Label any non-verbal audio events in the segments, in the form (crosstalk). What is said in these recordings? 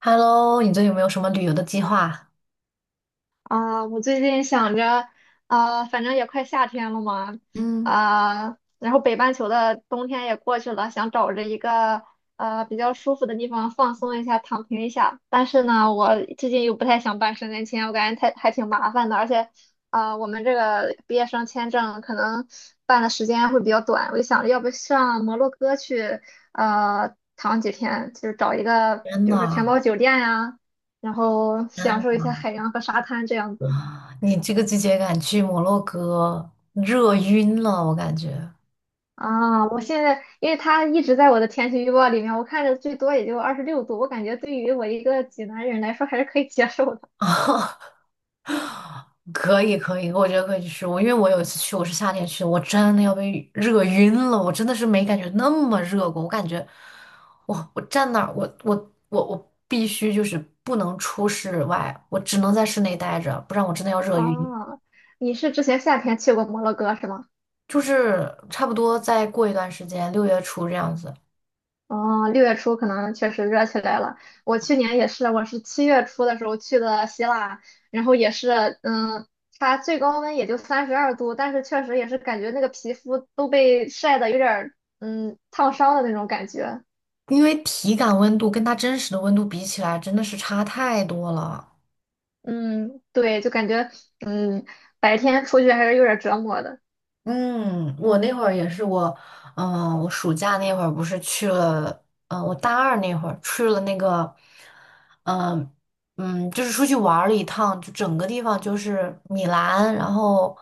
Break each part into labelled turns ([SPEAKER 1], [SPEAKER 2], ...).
[SPEAKER 1] Hello，你最近有没有什么旅游的计划？
[SPEAKER 2] 啊，我最近想着，啊，反正也快夏天了嘛，
[SPEAKER 1] 嗯。
[SPEAKER 2] 啊，然后北半球的冬天也过去了，想找着一个比较舒服的地方放松一下，躺平一下。但是呢，我最近又不太想办申根签，我感觉太还挺麻烦的，而且，啊，我们这个毕业生签证可能办的时间会比较短，我就想着要不上摩洛哥去，躺几天，就是找一个，
[SPEAKER 1] 天
[SPEAKER 2] 比如说
[SPEAKER 1] 呐，
[SPEAKER 2] 全包酒店呀。然后
[SPEAKER 1] 天
[SPEAKER 2] 享受一
[SPEAKER 1] 呐，
[SPEAKER 2] 下海洋和沙滩这样子
[SPEAKER 1] 你这个季节敢去摩洛哥，热晕了，我感觉。
[SPEAKER 2] 啊。我现在因为它一直在我的天气预报里面，我看着最多也就26度，我感觉对于我一个济南人来说还是可以接受的
[SPEAKER 1] 啊，(laughs) 可以可以，我觉得可以去。因为我有一次去，我是夏天去的，我真的要被热晕了。我真的是没感觉那么热过。我感觉我站那儿，我必须就是不能出室外，我只能在室内待着，不然我真的要热
[SPEAKER 2] 啊。
[SPEAKER 1] 晕。
[SPEAKER 2] 你是之前夏天去过摩洛哥是吗？
[SPEAKER 1] 就是差不多再过一段时间，6月初这样子。
[SPEAKER 2] 哦，6月初可能确实热起来了。我去年也是，我是7月初的时候去的希腊，然后也是，它最高温也就32度，但是确实也是感觉那个皮肤都被晒得有点儿，烫伤的那种感觉。
[SPEAKER 1] 因为体感温度跟它真实的温度比起来，真的是差太多了。
[SPEAKER 2] 嗯，对，就感觉嗯，白天出去还是有点折磨的。
[SPEAKER 1] 嗯，我那会儿也是我，我暑假那会儿不是去了，我大二那会儿去了那个，嗯、就是出去玩儿了一趟，就整个地方就是米兰，然后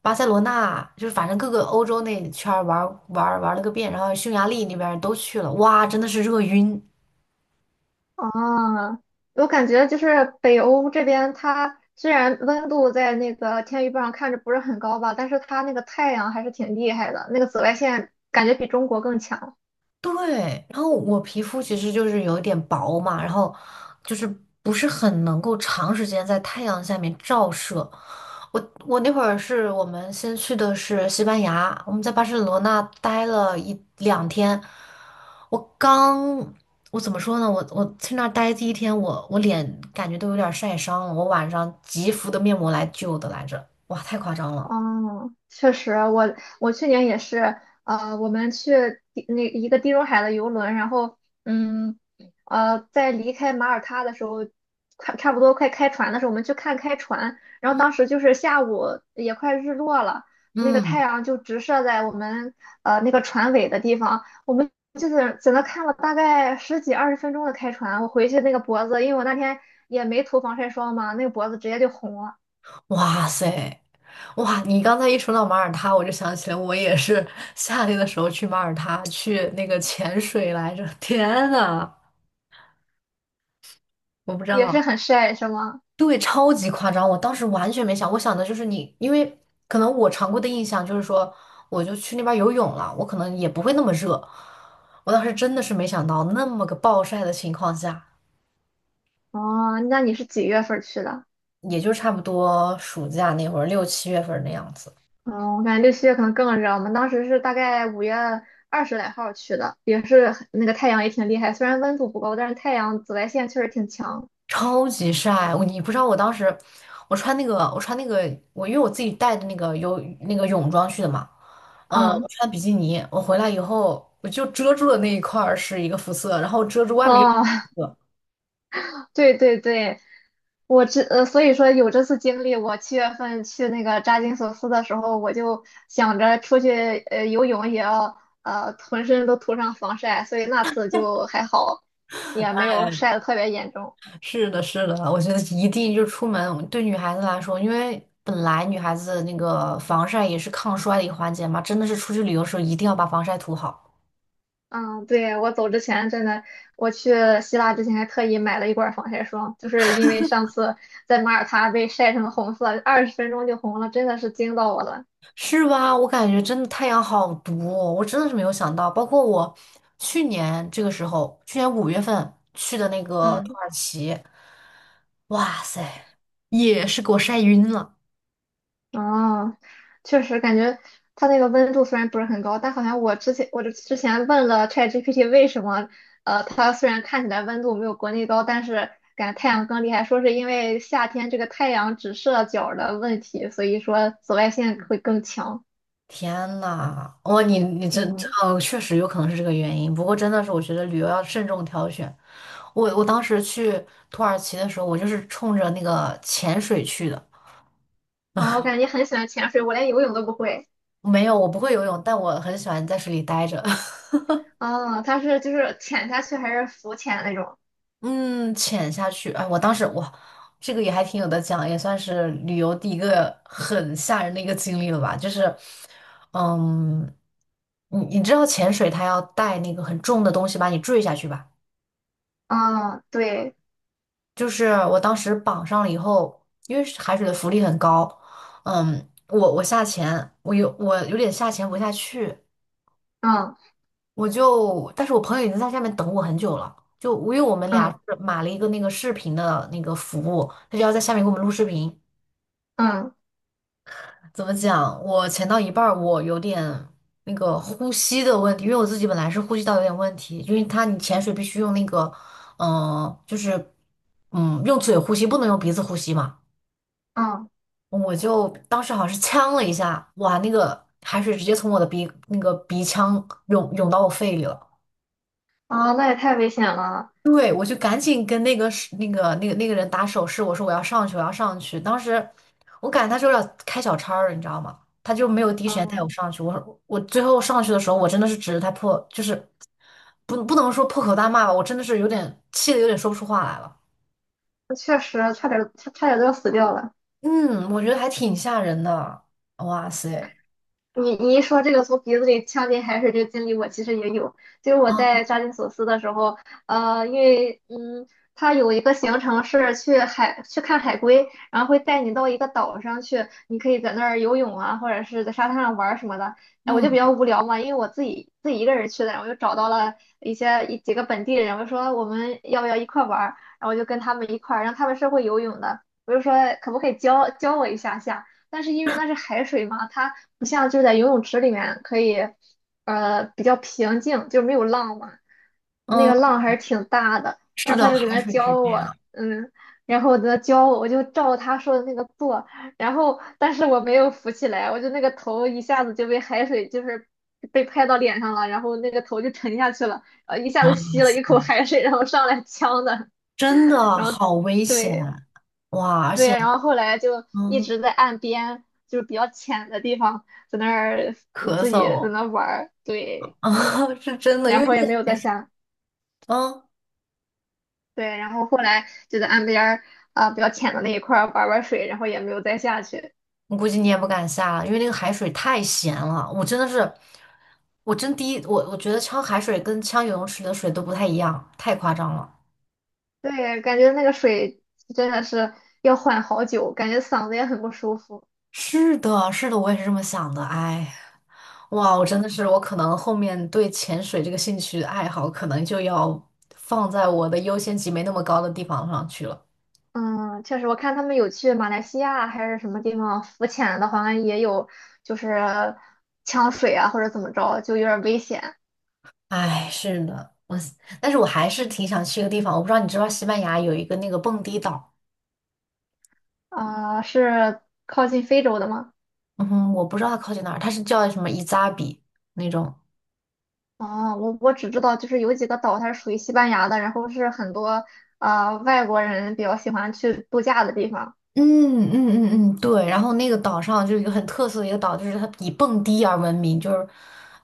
[SPEAKER 1] 巴塞罗那，就是反正各个欧洲那圈儿玩儿玩儿玩儿了个遍，然后匈牙利那边儿都去了，哇，真的是热晕。
[SPEAKER 2] 啊，我感觉就是北欧这边，它虽然温度在那个天气预报上看着不是很高吧，但是它那个太阳还是挺厉害的，那个紫外线感觉比中国更强。
[SPEAKER 1] 对，然后我皮肤其实就是有一点薄嘛，然后就是不是很能够长时间在太阳下面照射。我那会儿是我们先去的是西班牙，我们在巴塞罗那待了一两天。我刚，我怎么说呢？我去那儿待第一天，我脸感觉都有点晒伤了，我晚上急敷的面膜来救的来着。哇，太夸张了。
[SPEAKER 2] 嗯，确实，我去年也是，我们去地那一个地中海的游轮，然后，嗯，在离开马耳他的时候，快差不多快开船的时候，我们去看开船，然后
[SPEAKER 1] 嗯
[SPEAKER 2] 当时就是下午也快日落了，那个太
[SPEAKER 1] 嗯。
[SPEAKER 2] 阳就直射在我们那个船尾的地方，我们就是在那看了大概十几二十分钟的开船，我回去那个脖子，因为我那天也没涂防晒霜嘛，那个脖子直接就红了，
[SPEAKER 1] 哇塞，哇！你刚才一说到马耳他，我就想起来，我也是夏天的时候去马耳他去那个潜水来着。天呐，我不知
[SPEAKER 2] 也是
[SPEAKER 1] 道。
[SPEAKER 2] 很晒，是吗？
[SPEAKER 1] 对，超级夸张，我当时完全没想，我想的就是你，因为可能我常规的印象就是说，我就去那边游泳了，我可能也不会那么热。我当时真的是没想到，那么个暴晒的情况下，
[SPEAKER 2] 哦，那你是几月份儿去的？
[SPEAKER 1] 也就差不多暑假那会儿六七月份那样子。
[SPEAKER 2] 嗯，我感觉六七月可能更热。我们当时是大概5月二十来号儿去的，也是很那个太阳也挺厉害，虽然温度不高，但是太阳紫外线确实挺强。
[SPEAKER 1] 超级晒，我你不知道我当时，我穿那个我因为我自己带的那个游那个泳装去的嘛，我
[SPEAKER 2] 嗯，
[SPEAKER 1] 穿比基尼，我回来以后我就遮住了那一块儿是一个肤色，然后遮住外面又是
[SPEAKER 2] 哦，
[SPEAKER 1] 一个肤色。
[SPEAKER 2] (laughs) 对对对，所以说有这次经历，我7月份去那个扎金索斯的时候，我就想着出去游泳也要浑身都涂上防晒，所以那次就还好，也没有
[SPEAKER 1] 哎，
[SPEAKER 2] 晒得特别严重。
[SPEAKER 1] 是的，是的，我觉得一定就出门对女孩子来说，因为本来女孩子那个防晒也是抗衰的一个环节嘛，真的是出去旅游的时候一定要把防晒涂好。
[SPEAKER 2] 嗯，对，我走之前真的，我去希腊之前还特意买了一罐防晒霜，就是因为上次在马耳他被晒成红色，二十分钟就红了，真的是惊到我了。
[SPEAKER 1] 是吧？我感觉真的太阳好毒哦，我真的是没有想到。包括我去年这个时候，去年5月份去的那个土
[SPEAKER 2] 嗯，
[SPEAKER 1] 耳其，哇塞，也是给我晒晕了。
[SPEAKER 2] 哦，确实感觉它那个温度虽然不是很高，但好像我之前问了 ChatGPT 为什么，它虽然看起来温度没有国内高，但是感觉太阳更厉害，说是因为夏天这个太阳直射角儿的问题，所以说紫外线会更强。
[SPEAKER 1] 天呐，哇，你你这这
[SPEAKER 2] 嗯。
[SPEAKER 1] 哦，确实有可能是这个原因。不过真的是，我觉得旅游要慎重挑选。我当时去土耳其的时候，我就是冲着那个潜水去的。
[SPEAKER 2] 哦，我感觉很喜欢潜水，我连游泳都不会。
[SPEAKER 1] 没有，我不会游泳，但我很喜欢在水里待着。(laughs)
[SPEAKER 2] 哦，它是就是潜下去还是浮潜那种？
[SPEAKER 1] 嗯，潜下去，哎，我当时哇，这个也还挺有的讲，也算是旅游第一个很吓人的一个经历了吧。就是。嗯，你知道潜水它要带那个很重的东西把你坠下去吧？
[SPEAKER 2] 哦，对，
[SPEAKER 1] 就是我当时绑上了以后，因为是海水的浮力很高，嗯，我下潜，我有点下潜不下去，
[SPEAKER 2] 嗯
[SPEAKER 1] 但是我朋友已经在下面等我很久了。就因为我们俩
[SPEAKER 2] 嗯
[SPEAKER 1] 是买了一个那个视频的那个服务，他就要在下面给我们录视频。
[SPEAKER 2] 嗯
[SPEAKER 1] 怎么讲？我潜到一半儿，我有点那个呼吸的问题，因为我自己本来是呼吸道有点问题，因为它你潜水必须用那个，就是用嘴呼吸，不能用鼻子呼吸嘛。
[SPEAKER 2] 嗯，
[SPEAKER 1] 我就当时好像是呛了一下，哇，那个海水直接从我的鼻那个鼻腔涌到我肺里了。
[SPEAKER 2] 哦，那也太危险了。
[SPEAKER 1] 对，我就赶紧跟那个人打手势，我说我要上去，我要上去。当时我感觉他就有点开小差儿，你知道吗？他就没有第一时间带我
[SPEAKER 2] 嗯，
[SPEAKER 1] 上去。我最后上去的时候，我真的是指着他破，就是不能说破口大骂吧，我真的是有点气的，有点说不出话来了。
[SPEAKER 2] 确实差点都要死掉了。
[SPEAKER 1] 嗯，我觉得还挺吓人的。哇塞，
[SPEAKER 2] 你一说这个从鼻子里呛进海水这个经历，我其实也有。就是我在扎金索斯的时候，因为。有一个行程是去海去看海龟，然后会带你到一个岛上去，你可以在那儿游泳啊，或者是在沙滩上玩儿什么的。哎，我就比
[SPEAKER 1] 嗯
[SPEAKER 2] 较无聊嘛，因为我自己一个人去的，然后我就找到了一些一几个本地人，我就说我们要不要一块儿玩儿，然后就跟他们一块儿，然后他们是会游泳的，我就说可不可以教教我一下下，但是因为那是海水嘛，它不像就是在游泳池里面可以，比较平静，就没有浪嘛。那
[SPEAKER 1] 嗯，
[SPEAKER 2] 个浪还是挺大的，然
[SPEAKER 1] 是
[SPEAKER 2] 后他
[SPEAKER 1] 的，
[SPEAKER 2] 就在
[SPEAKER 1] 海
[SPEAKER 2] 那儿
[SPEAKER 1] 水是
[SPEAKER 2] 教
[SPEAKER 1] 这
[SPEAKER 2] 我，
[SPEAKER 1] 样。
[SPEAKER 2] 然后在那教我，我就照他说的那个做，然后但是我没有浮起来，我就那个头一下子就被海水就是被拍到脸上了，然后那个头就沉下去了，一下子
[SPEAKER 1] 哇
[SPEAKER 2] 吸了
[SPEAKER 1] 塞，
[SPEAKER 2] 一口海水，然后上来呛的，
[SPEAKER 1] 真
[SPEAKER 2] (laughs)
[SPEAKER 1] 的
[SPEAKER 2] 然后
[SPEAKER 1] 好危险。
[SPEAKER 2] 对
[SPEAKER 1] 哇，而
[SPEAKER 2] 对，
[SPEAKER 1] 且
[SPEAKER 2] 然后后来就一
[SPEAKER 1] 嗯，
[SPEAKER 2] 直在岸边，就是比较浅的地方，在那儿
[SPEAKER 1] 咳
[SPEAKER 2] 自己在
[SPEAKER 1] 嗽。(laughs)
[SPEAKER 2] 那玩儿，对，
[SPEAKER 1] 啊，是真的，因
[SPEAKER 2] 然
[SPEAKER 1] 为
[SPEAKER 2] 后也没有再下。
[SPEAKER 1] 嗯，
[SPEAKER 2] 对，然后后来就在岸边儿啊、比较浅的那一块儿玩玩水，然后也没有再下去。
[SPEAKER 1] 我估计你也不敢下了，因为那个海水太咸了。我真的是，我真第一，我觉得呛海水跟呛游泳池的水都不太一样，太夸张了。
[SPEAKER 2] 对，感觉那个水真的是要缓好久，感觉嗓子也很不舒服。
[SPEAKER 1] 是的，是的，我也是这么想的。哎，哇，我真的是，我可能后面对潜水这个兴趣爱好，可能就要放在我的优先级没那么高的地方上去了。
[SPEAKER 2] 嗯，确实，我看他们有去马来西亚还是什么地方浮潜的，好像也有就是呛水啊或者怎么着，就有点危险
[SPEAKER 1] 哎，是的，但是我还是挺想去一个地方，我不知道你知不知道西班牙有一个那个蹦迪岛。
[SPEAKER 2] 啊、是靠近非洲的吗？
[SPEAKER 1] 嗯，我不知道它靠近哪儿，它是叫什么伊扎比那种。
[SPEAKER 2] 哦，我只知道就是有几个岛，它是属于西班牙的，然后是很多外国人比较喜欢去度假的地方。
[SPEAKER 1] 嗯嗯嗯嗯，对，然后那个岛上就是有一个很特色的一个岛，就是它以蹦迪而闻名，就是。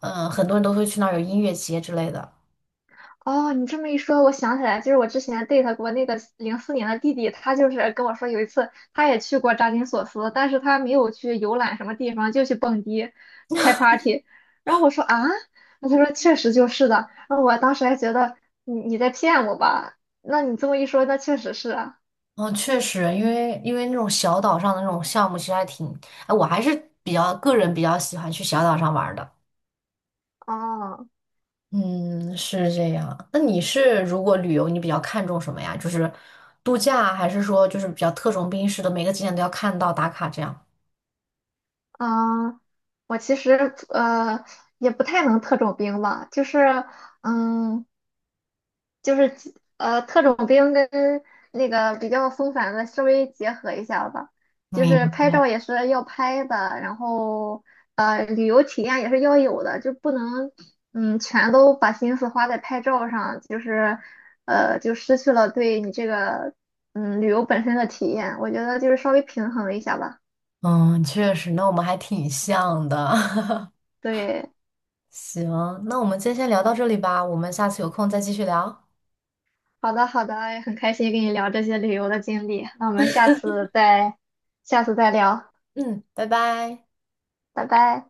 [SPEAKER 1] 很多人都会去那儿有音乐节之类的。
[SPEAKER 2] 哦，你这么一说，我想起来，就是我之前 date 过那个04年的弟弟，他就是跟我说，有一次他也去过扎金索斯，但是他没有去游览什么地方，就去蹦迪、开 party。然后我说啊，那他说确实就是的。然后我当时还觉得你在骗我吧？那你这么一说，那确实是啊。
[SPEAKER 1] 嗯，确实，因为那种小岛上的那种项目其实还挺，哎，我还是比较个人比较喜欢去小岛上玩儿的。
[SPEAKER 2] 哦，
[SPEAKER 1] 嗯，是这样。那你是如果旅游，你比较看重什么呀？就是度假，还是说就是比较特种兵式的，每个景点都要看到打卡这样？
[SPEAKER 2] 嗯，我其实也不太能特种兵吧，就是嗯。就是特种兵跟那个比较松散的稍微结合一下吧，就是
[SPEAKER 1] 明
[SPEAKER 2] 拍照也是要拍的，然后旅游体验也是要有的，就不能全都把心思花在拍照上，就是就失去了对你这个旅游本身的体验，我觉得就是稍微平衡一下吧。
[SPEAKER 1] 嗯，确实，那我们还挺像的。(laughs)
[SPEAKER 2] 对，
[SPEAKER 1] 行，那我们今天先聊到这里吧，我们下次有空再继续聊。
[SPEAKER 2] 好的好的，也很开心跟你聊这些旅游的经历，那我们下次再聊，
[SPEAKER 1] 嗯，拜拜。
[SPEAKER 2] 拜拜。